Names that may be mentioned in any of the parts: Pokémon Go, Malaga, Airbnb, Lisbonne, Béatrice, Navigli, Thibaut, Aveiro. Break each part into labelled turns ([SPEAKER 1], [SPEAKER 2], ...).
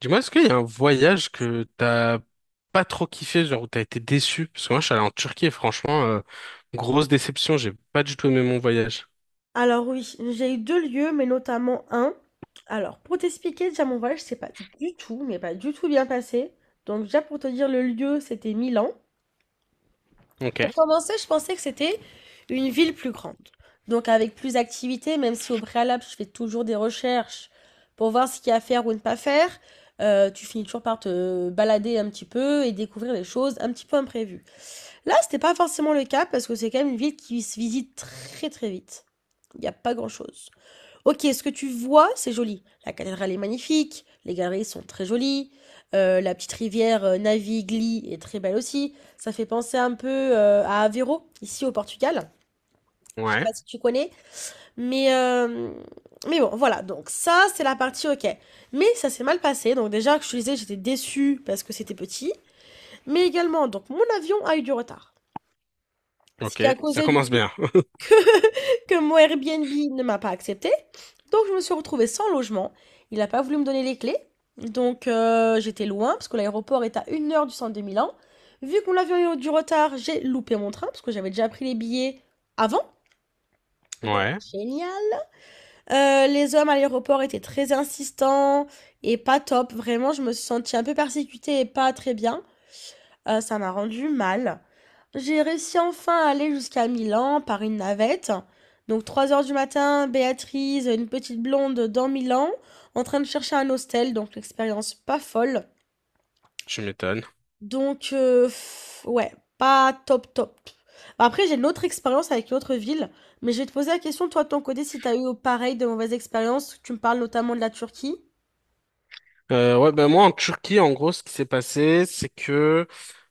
[SPEAKER 1] Dis-moi, est-ce qu'il y a un voyage que t'as pas trop kiffé, genre où t'as été déçu? Parce que moi, je suis allé en Turquie et franchement, grosse déception, j'ai pas du tout aimé mon voyage.
[SPEAKER 2] Alors oui, j'ai eu 2 lieux, mais notamment un. Alors, pour t'expliquer, déjà mon voyage, c'est pas du tout, mais pas du tout bien passé. Donc déjà pour te dire le lieu, c'était Milan.
[SPEAKER 1] Ok.
[SPEAKER 2] Pour commencer, je pensais que c'était une ville plus grande. Donc avec plus d'activités, même si au préalable, je fais toujours des recherches pour voir ce qu'il y a à faire ou ne pas faire, tu finis toujours par te balader un petit peu et découvrir des choses un petit peu imprévues. Là, c'était pas forcément le cas parce que c'est quand même une ville qui se visite très très vite. Il n'y a pas grand-chose. OK, ce que tu vois, c'est joli. La cathédrale est magnifique, les galeries sont très jolies, la petite rivière Navigli est très belle aussi. Ça fait penser un peu à Aveiro, ici au Portugal. Je sais
[SPEAKER 1] Ouais.
[SPEAKER 2] pas si tu connais, mais, euh, mais bon, voilà. Donc ça, c'est la partie OK. Mais ça s'est mal passé. Donc déjà, que je te disais, j'étais déçue parce que c'était petit. Mais également, donc mon avion a eu du retard. Ce
[SPEAKER 1] Ok.
[SPEAKER 2] qui a
[SPEAKER 1] Ça
[SPEAKER 2] causé du
[SPEAKER 1] commence bien.
[SPEAKER 2] que mon Airbnb ne m'a pas accepté. Donc je me suis retrouvée sans logement. Il n'a pas voulu me donner les clés. Donc j'étais loin parce que l'aéroport est à 1 heure du centre de Milan. Vu qu'on mon eu du retard, j'ai loupé mon train parce que j'avais déjà pris les billets avant. Donc
[SPEAKER 1] Ouais.
[SPEAKER 2] génial. Les hommes à l'aéroport étaient très insistants et pas top. Vraiment, je me suis sentie un peu persécutée et pas très bien. Ça m'a rendu mal. J'ai réussi enfin à aller jusqu'à Milan par une navette. Donc 3 heures du matin, Béatrice, une petite blonde dans Milan, en train de chercher un hostel, donc l'expérience pas folle.
[SPEAKER 1] Je m'étonne.
[SPEAKER 2] Donc heu, ouais, pas top top. Après j'ai une autre expérience avec une autre ville, mais je vais te poser la question toi de ton côté si t'as eu pareil de mauvaises expériences. Tu me parles notamment de la Turquie.
[SPEAKER 1] Ouais, ben moi, en Turquie, en gros, ce qui s'est passé, c'est que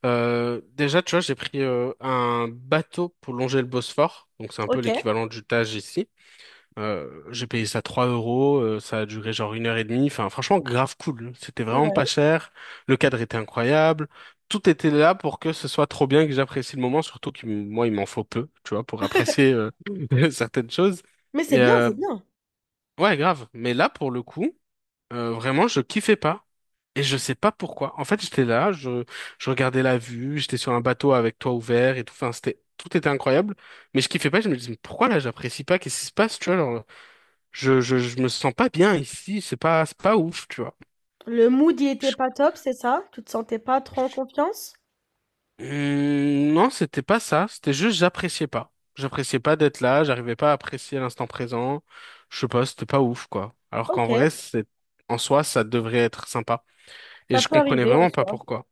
[SPEAKER 1] déjà, tu vois, j'ai pris un bateau pour longer le Bosphore. Donc, c'est un peu
[SPEAKER 2] OK,
[SPEAKER 1] l'équivalent du Tage ici. J'ai payé ça 3 euros, ça a duré genre une heure et demie. Enfin, franchement, grave cool. C'était vraiment pas
[SPEAKER 2] ouais.
[SPEAKER 1] cher. Le cadre était incroyable. Tout était là pour que ce soit trop bien et que j'apprécie le moment, surtout que moi, il m'en faut peu, tu vois, pour apprécier certaines choses.
[SPEAKER 2] Mais c'est
[SPEAKER 1] Et
[SPEAKER 2] bien, c'est bien.
[SPEAKER 1] ouais, grave. Mais là, pour le coup, vraiment, je kiffais pas. Et je sais pas pourquoi. En fait, j'étais là, je regardais la vue, j'étais sur un bateau avec toit ouvert et tout. Enfin, c'était, tout était incroyable. Mais je kiffais pas, je me disais, mais pourquoi là, j'apprécie pas? Qu'est-ce qui se passe, tu vois? Genre, je me sens pas bien ici, c'est pas ouf, tu vois.
[SPEAKER 2] Le mood il était pas top, c'est ça? Tu te sentais pas trop en confiance?
[SPEAKER 1] Non, c'était pas ça, c'était juste j'appréciais pas. J'appréciais pas d'être là, j'arrivais pas à apprécier l'instant présent. Je sais pas, c'était pas ouf, quoi. Alors qu'en
[SPEAKER 2] OK,
[SPEAKER 1] vrai, c'est, en soi, ça devrait être sympa. Et
[SPEAKER 2] ça
[SPEAKER 1] je
[SPEAKER 2] peut
[SPEAKER 1] comprenais
[SPEAKER 2] arriver en
[SPEAKER 1] vraiment pas
[SPEAKER 2] soi.
[SPEAKER 1] pourquoi.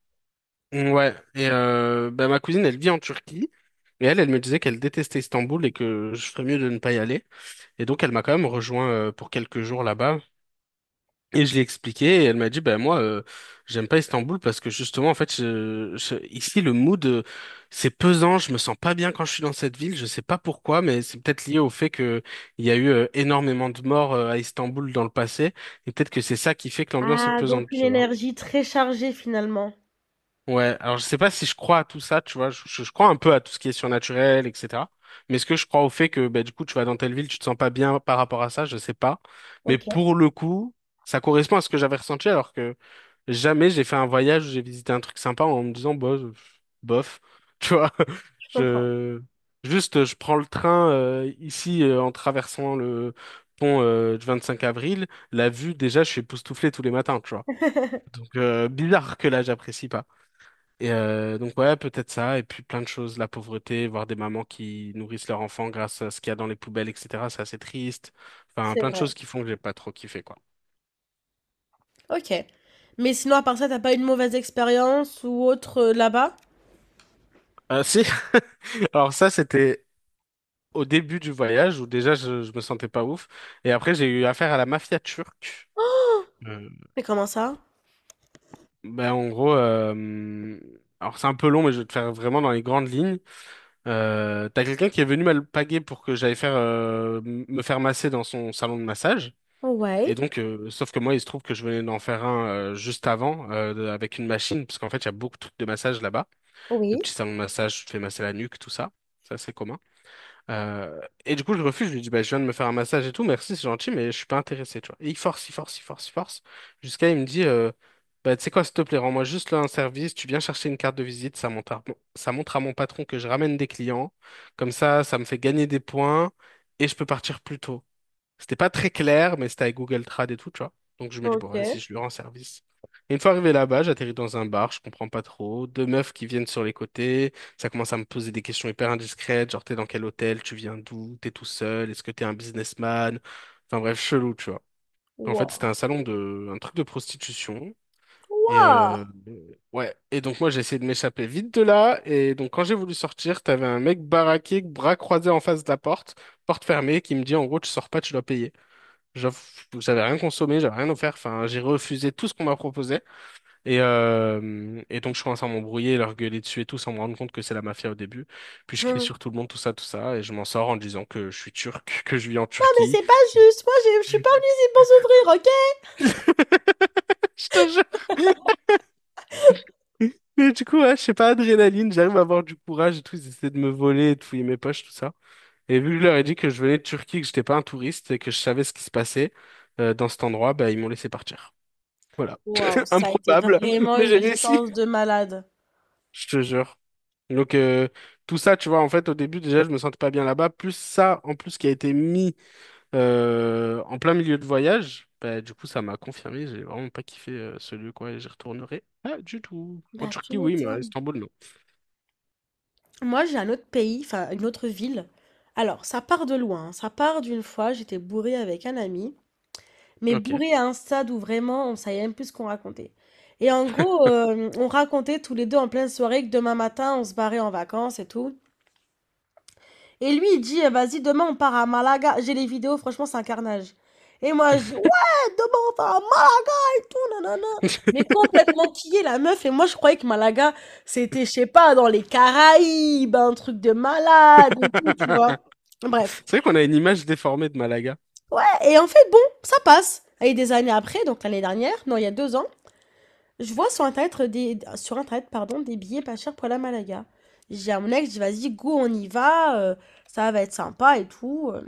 [SPEAKER 1] Mmh, ouais, et bah, ma cousine, elle vit en Turquie, mais elle me disait qu'elle détestait Istanbul et que je ferais mieux de ne pas y aller. Et donc, elle m'a quand même rejoint pour quelques jours là-bas. Et je l'ai expliqué et elle m'a dit, ben moi, j'aime pas Istanbul parce que justement, en fait, ici, le mood, c'est pesant, je me sens pas bien quand je suis dans cette ville, je sais pas pourquoi, mais c'est peut-être lié au fait que il y a eu énormément de morts à Istanbul dans le passé, et peut-être que c'est ça qui fait que l'ambiance est
[SPEAKER 2] Ah,
[SPEAKER 1] pesante,
[SPEAKER 2] donc une
[SPEAKER 1] tu vois.
[SPEAKER 2] énergie très chargée finalement.
[SPEAKER 1] Ouais, alors je sais pas si je crois à tout ça, tu vois, je crois un peu à tout ce qui est surnaturel, etc. Mais est-ce que je crois au fait que, ben, du coup, tu vas dans telle ville, tu te sens pas bien par rapport à ça, je sais pas. Mais
[SPEAKER 2] OK,
[SPEAKER 1] pour le coup, ça correspond à ce que j'avais ressenti alors que jamais j'ai fait un voyage où j'ai visité un truc sympa en me disant, bah, bof, tu vois.
[SPEAKER 2] je comprends,
[SPEAKER 1] Je... Juste, je prends le train ici en traversant le pont du 5 avril. La vue, déjà, je suis époustouflé tous les matins, tu vois. Donc, bizarre que là, j'apprécie pas. Et donc, ouais, peut-être ça. Et puis, plein de choses, la pauvreté, voir des mamans qui nourrissent leurs enfants grâce à ce qu'il y a dans les poubelles, etc. C'est assez triste. Enfin,
[SPEAKER 2] c'est
[SPEAKER 1] plein de
[SPEAKER 2] vrai.
[SPEAKER 1] choses qui font que j'ai pas trop kiffé, quoi.
[SPEAKER 2] OK. Mais sinon à part ça, t'as pas une mauvaise expérience ou autre, là-bas?
[SPEAKER 1] Si, alors ça, c'était au début du voyage où déjà je me sentais pas ouf. Et après, j'ai eu affaire à la mafia turque. Euh,
[SPEAKER 2] Mais comment ça?
[SPEAKER 1] ben, en gros, alors c'est un peu long, mais je vais te faire vraiment dans les grandes lignes. T'as quelqu'un qui est venu m'alpaguer pour que j'aille faire me faire masser dans son salon de massage. Et
[SPEAKER 2] Ouais,
[SPEAKER 1] donc, sauf que moi, il se trouve que je venais d'en faire un juste avant avec une machine, parce qu'en fait, il y a beaucoup de trucs de massage là-bas, de
[SPEAKER 2] oui.
[SPEAKER 1] petits salons de massage, tu te fais masser la nuque, tout ça. Ça, c'est commun. Et du coup, je refuse. Je lui dis, bah, je viens de me faire un massage et tout, merci, c'est gentil, mais je suis pas intéressé, tu vois. Et il force, il force, il force, il force. Jusqu'à, il me dit, bah, tu sais quoi, s'il te plaît, rends-moi juste là un service, tu viens chercher une carte de visite, ça montre à mon patron que je ramène des clients. Comme ça me fait gagner des points et je peux partir plus tôt. C'était pas très clair, mais c'était avec Google Trad et tout, tu vois. Donc je me dis, bon, vas-y,
[SPEAKER 2] OK.
[SPEAKER 1] je lui rends service. Et une fois arrivé là-bas, j'atterris dans un bar, je comprends pas trop. Deux meufs qui viennent sur les côtés, ça commence à me poser des questions hyper indiscrètes, genre t'es dans quel hôtel, tu viens d'où, t'es tout seul, est-ce que t'es un businessman? Enfin bref, chelou, tu vois. En fait,
[SPEAKER 2] Waouh!
[SPEAKER 1] c'était un truc de prostitution. Et
[SPEAKER 2] Waouh!
[SPEAKER 1] ouais. Et donc moi, j'ai essayé de m'échapper vite de là. Et donc quand j'ai voulu sortir, t'avais un mec baraqué, bras croisés en face de la porte, porte fermée, qui me dit en gros, tu sors pas, tu dois payer. J'avoue que j'avais rien consommé, j'avais rien offert. Enfin, j'ai refusé tout ce qu'on m'a proposé. Et donc, je commence à m'embrouiller, leur gueuler dessus et tout, sans me rendre compte que c'est la mafia au début. Puis, je crie sur tout le monde, tout ça, tout ça. Et je m'en sors en disant que je suis turc, que je vis en
[SPEAKER 2] Non mais
[SPEAKER 1] Turquie.
[SPEAKER 2] c'est pas juste, moi j'ai je suis pas venue ici pour souffrir, OK?
[SPEAKER 1] Je te jure. Mais du coup, ouais, je sais pas, adrénaline, j'arrive à avoir du courage et tout. Ils essaient de me voler, et de fouiller mes poches, tout ça. Et vu que je leur ai dit que je venais de Turquie, que j'étais pas un touriste et que je savais ce qui se passait dans cet endroit, bah, ils m'ont laissé partir. Voilà.
[SPEAKER 2] Waouh, ça a été
[SPEAKER 1] Improbable,
[SPEAKER 2] vraiment
[SPEAKER 1] mais j'ai
[SPEAKER 2] une
[SPEAKER 1] réussi.
[SPEAKER 2] chance de malade.
[SPEAKER 1] Je te jure. Donc, tout ça, tu vois, en fait, au début, déjà, je me sentais pas bien là-bas. Plus ça, en plus, qui a été mis en plein milieu de voyage, bah, du coup, ça m'a confirmé. J'ai vraiment pas kiffé ce lieu, quoi, et j'y retournerai pas du tout. En
[SPEAKER 2] Bah, tu
[SPEAKER 1] Turquie, oui, mais à
[SPEAKER 2] m'étonnes.
[SPEAKER 1] Istanbul, non.
[SPEAKER 2] Moi, j'ai un autre pays, enfin une autre ville. Alors, ça part de loin. Hein. Ça part d'une fois, j'étais bourrée avec un ami, mais
[SPEAKER 1] Ok.
[SPEAKER 2] bourrée à un stade où vraiment on savait même plus ce qu'on racontait. Et en gros, on racontait tous les deux en pleine soirée que demain matin, on se barrait en vacances et tout. Et lui, il dit, eh, vas-y, demain on part à Malaga. J'ai les vidéos, franchement, c'est un carnage. Et moi, je dis, ouais, demain on part à Malaga tout, nanana. Mais complètement est la meuf. Et moi, je croyais que Malaga, c'était, je sais pas, dans les Caraïbes, un truc de malade et tout, tu vois. Bref.
[SPEAKER 1] C'est vrai qu'on a une image déformée de Malaga.
[SPEAKER 2] Ouais, et en fait, bon, ça passe. Et des années après, donc l'année dernière, non, il y a 2 ans, je vois sur Internet des, sur Internet, pardon, des billets pas chers pour la Malaga. J'ai à mon ex, je dis, vas-y, go, on y va, ça va être sympa et tout.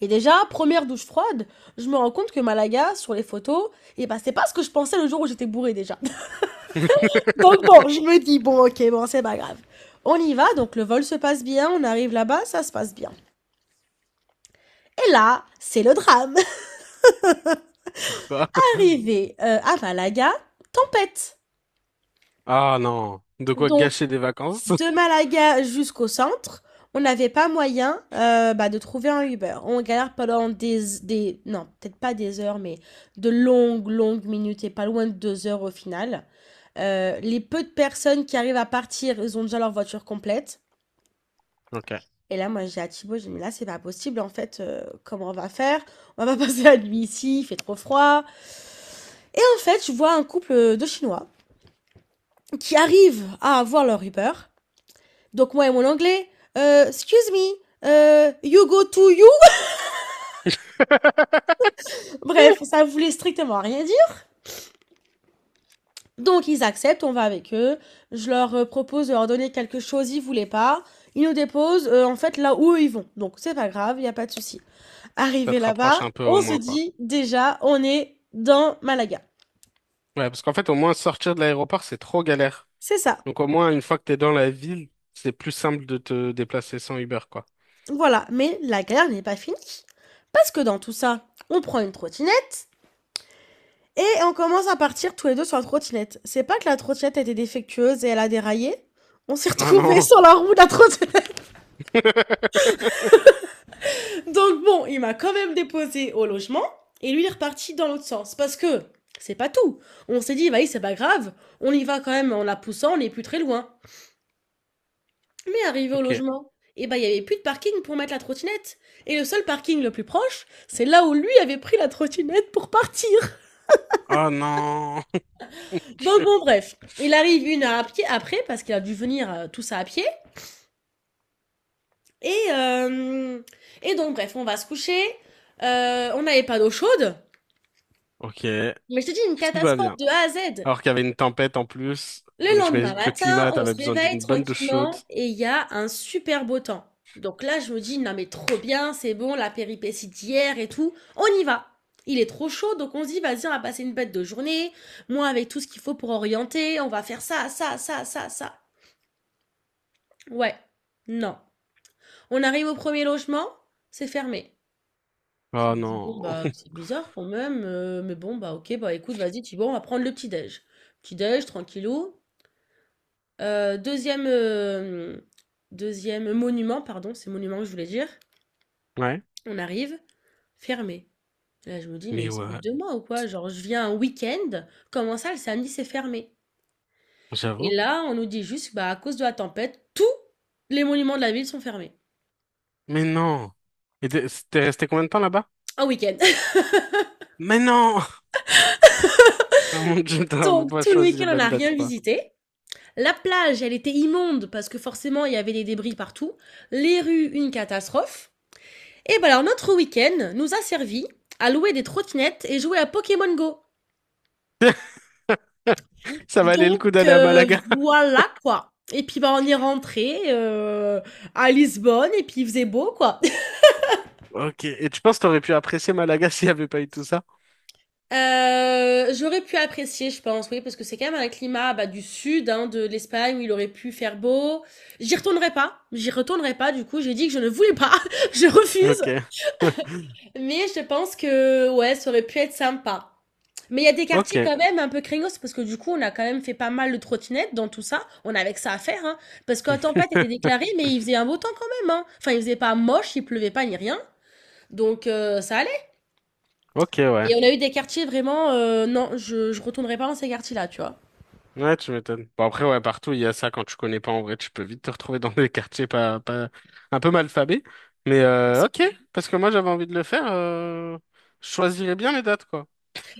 [SPEAKER 2] Et déjà, première douche froide, je me rends compte que Malaga, sur les photos, et ben c'est pas ce que je pensais le jour où j'étais bourrée déjà. Donc bon, je me dis, bon, ok, bon, c'est pas grave. On y va, donc le vol se passe bien, on arrive là-bas, ça se passe bien. Et là, c'est le drame.
[SPEAKER 1] Pourquoi?
[SPEAKER 2] Arrivé à Malaga, tempête.
[SPEAKER 1] Ah non, de quoi
[SPEAKER 2] Donc,
[SPEAKER 1] gâcher des vacances?
[SPEAKER 2] de Malaga jusqu'au centre, on n'avait pas moyen bah, de trouver un Uber. On galère pendant des non, peut-être pas des heures, mais de longues, longues minutes et pas loin de 2 heures au final. Les peu de personnes qui arrivent à partir, ils ont déjà leur voiture complète.
[SPEAKER 1] Ok.
[SPEAKER 2] Et là, moi, j'ai à Thibaut, j'ai dit, mais là, c'est pas possible, en fait, comment on va faire? On va passer la nuit ici, il fait trop froid. Et en fait, je vois un couple de Chinois qui arrivent à avoir leur Uber. Donc, moi et mon anglais, excuse me, you go to you. Bref, ça voulait strictement rien dire. Donc, ils acceptent, on va avec eux. Je leur propose de leur donner quelque chose, ils voulaient pas. Ils nous déposent, en fait, là où eux, ils vont. Donc, c'est pas grave, il n'y a pas de souci.
[SPEAKER 1] Ça
[SPEAKER 2] Arrivé
[SPEAKER 1] te
[SPEAKER 2] là-bas,
[SPEAKER 1] rapproche un peu au
[SPEAKER 2] on se
[SPEAKER 1] moins, quoi.
[SPEAKER 2] dit déjà, on est dans Malaga.
[SPEAKER 1] Ouais, parce qu'en fait, au moins, sortir de l'aéroport, c'est trop galère.
[SPEAKER 2] C'est ça.
[SPEAKER 1] Donc, au moins, une fois que t'es dans la ville, c'est plus simple de te déplacer sans Uber, quoi.
[SPEAKER 2] Voilà. Mais la galère n'est pas finie. Parce que dans tout ça, on prend une trottinette et on commence à partir tous les deux sur la trottinette. C'est pas que la trottinette était défectueuse et elle a déraillé. On s'est
[SPEAKER 1] Oh
[SPEAKER 2] retrouvés
[SPEAKER 1] non!
[SPEAKER 2] sur la roue de la trottinette. Donc bon, il m'a quand même déposé au logement et lui il est reparti dans l'autre sens. Parce que c'est pas tout. On s'est dit, bah oui, c'est pas grave. On y va quand même en la poussant, on n'est plus très loin. Mais arrivé au
[SPEAKER 1] Ok.
[SPEAKER 2] logement, eh ben, il y avait plus de parking pour mettre la trottinette. Et le seul parking le plus proche, c'est là où lui avait pris la trottinette pour partir.
[SPEAKER 1] Oh non!
[SPEAKER 2] Donc bon, bref, il arrive 1 heure à pied après, parce qu'il a dû venir tout ça à pied. Et, euh, et donc, bref, on va se coucher. On n'avait pas d'eau chaude.
[SPEAKER 1] Ok,
[SPEAKER 2] Mais je te dis, une
[SPEAKER 1] tout va
[SPEAKER 2] catastrophe
[SPEAKER 1] bien.
[SPEAKER 2] de A à Z.
[SPEAKER 1] Alors qu'il y avait une tempête en plus,
[SPEAKER 2] Le
[SPEAKER 1] donc
[SPEAKER 2] lendemain
[SPEAKER 1] j'imagine que le
[SPEAKER 2] matin,
[SPEAKER 1] climat,
[SPEAKER 2] on
[SPEAKER 1] t'avais
[SPEAKER 2] se
[SPEAKER 1] besoin
[SPEAKER 2] réveille
[SPEAKER 1] d'une bonne douche chaude.
[SPEAKER 2] tranquillement et il y a un super beau temps. Donc là, je me dis, non mais trop bien, c'est bon, la péripétie d'hier et tout, on y va. Il est trop chaud, donc on se dit, vas-y, on va passer une bête de journée. Moi, avec tout ce qu'il faut pour orienter, on va faire ça, ça, ça, ça, ça. Ouais, non. On arrive au premier logement, c'est fermé.
[SPEAKER 1] Oh
[SPEAKER 2] Je me dis, bon,
[SPEAKER 1] non!
[SPEAKER 2] bah, c'est bizarre quand même, mais bon, bah, ok, bah, écoute, vas-y, tu bon, on va prendre le petit-déj. Petit-déj, tranquillou. Deuxième hem, monument, pardon, c'est monument que je voulais dire.
[SPEAKER 1] Ouais.
[SPEAKER 2] On arrive, fermé. Là, je me dis: «Mais
[SPEAKER 1] Mais
[SPEAKER 2] ils se foutent
[SPEAKER 1] ouais,
[SPEAKER 2] de moi ou quoi? Genre, je viens un week-end, comment ça le samedi c'est fermé?» Et
[SPEAKER 1] j'avoue.
[SPEAKER 2] là, on nous dit juste: «Bah, à cause de la tempête, tous les monuments de la ville sont fermés,
[SPEAKER 1] Mais non! Et t'es resté combien de temps là-bas?
[SPEAKER 2] un week-end».
[SPEAKER 1] Mais non! Oh mon dieu, t'as vraiment
[SPEAKER 2] Donc
[SPEAKER 1] pas
[SPEAKER 2] tout le
[SPEAKER 1] choisi les
[SPEAKER 2] week-end, on
[SPEAKER 1] bonnes
[SPEAKER 2] n'a
[SPEAKER 1] dates,
[SPEAKER 2] rien
[SPEAKER 1] quoi.
[SPEAKER 2] visité. La plage, elle était immonde parce que forcément, il y avait des débris partout. Les rues, une catastrophe et bah, alors notre week-end nous a servi à louer des trottinettes et jouer à Pokémon Go.
[SPEAKER 1] Ça valait le
[SPEAKER 2] Donc
[SPEAKER 1] coup d'aller à
[SPEAKER 2] heu,
[SPEAKER 1] Malaga.
[SPEAKER 2] voilà quoi et puis, bah, on est rentré à Lisbonne et puis il faisait beau quoi.
[SPEAKER 1] Ok. Et tu penses que t'aurais pu apprécier Malaga s'il n'y avait pas eu tout ça?
[SPEAKER 2] J'aurais pu apprécier je pense, oui, parce que c'est quand même un climat, bah, du sud, hein, de l'Espagne où il aurait pu faire beau. J'y retournerai pas du coup, j'ai dit que je ne voulais pas, je
[SPEAKER 1] Ok.
[SPEAKER 2] refuse. Mais je pense que, ouais, ça aurait pu être sympa. Mais il y a des
[SPEAKER 1] Ok.
[SPEAKER 2] quartiers quand même un peu craignos parce que du coup, on a quand même fait pas mal de trottinettes dans tout ça. On avait que ça à faire, hein. Parce qu'en tempête était déclaré, mais il faisait un beau temps quand même, hein. Enfin, il faisait pas moche, il pleuvait pas ni rien. Donc, ça allait.
[SPEAKER 1] Ok, ouais.
[SPEAKER 2] Et on a eu des quartiers vraiment, non, je retournerai pas dans ces quartiers-là, tu vois.
[SPEAKER 1] Ouais, tu m'étonnes. Bon, après, ouais, partout, il y a ça. Quand tu connais pas, en vrai, tu peux vite te retrouver dans des quartiers pas, pas, un peu malfabés. Mais, ok. Parce que moi, j'avais envie de le faire. Je choisirais bien les dates, quoi.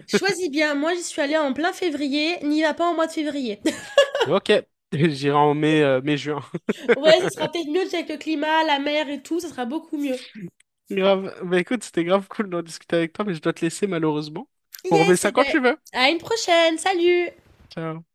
[SPEAKER 2] Choisis bien. Moi, j'y suis allée en plein février. N'y va pas en mois de février.
[SPEAKER 1] Ok. J'irai en mai, mai-juin.
[SPEAKER 2] Ouais, ça sera peut-être mieux avec le climat, la mer et tout. Ça sera beaucoup mieux.
[SPEAKER 1] Grave. Bah, écoute, c'était grave cool d'en discuter avec toi, mais je dois te laisser, malheureusement. On remet
[SPEAKER 2] Yes,
[SPEAKER 1] ça
[SPEAKER 2] et
[SPEAKER 1] quand
[SPEAKER 2] ben,
[SPEAKER 1] tu veux.
[SPEAKER 2] à une prochaine. Salut!
[SPEAKER 1] Ciao.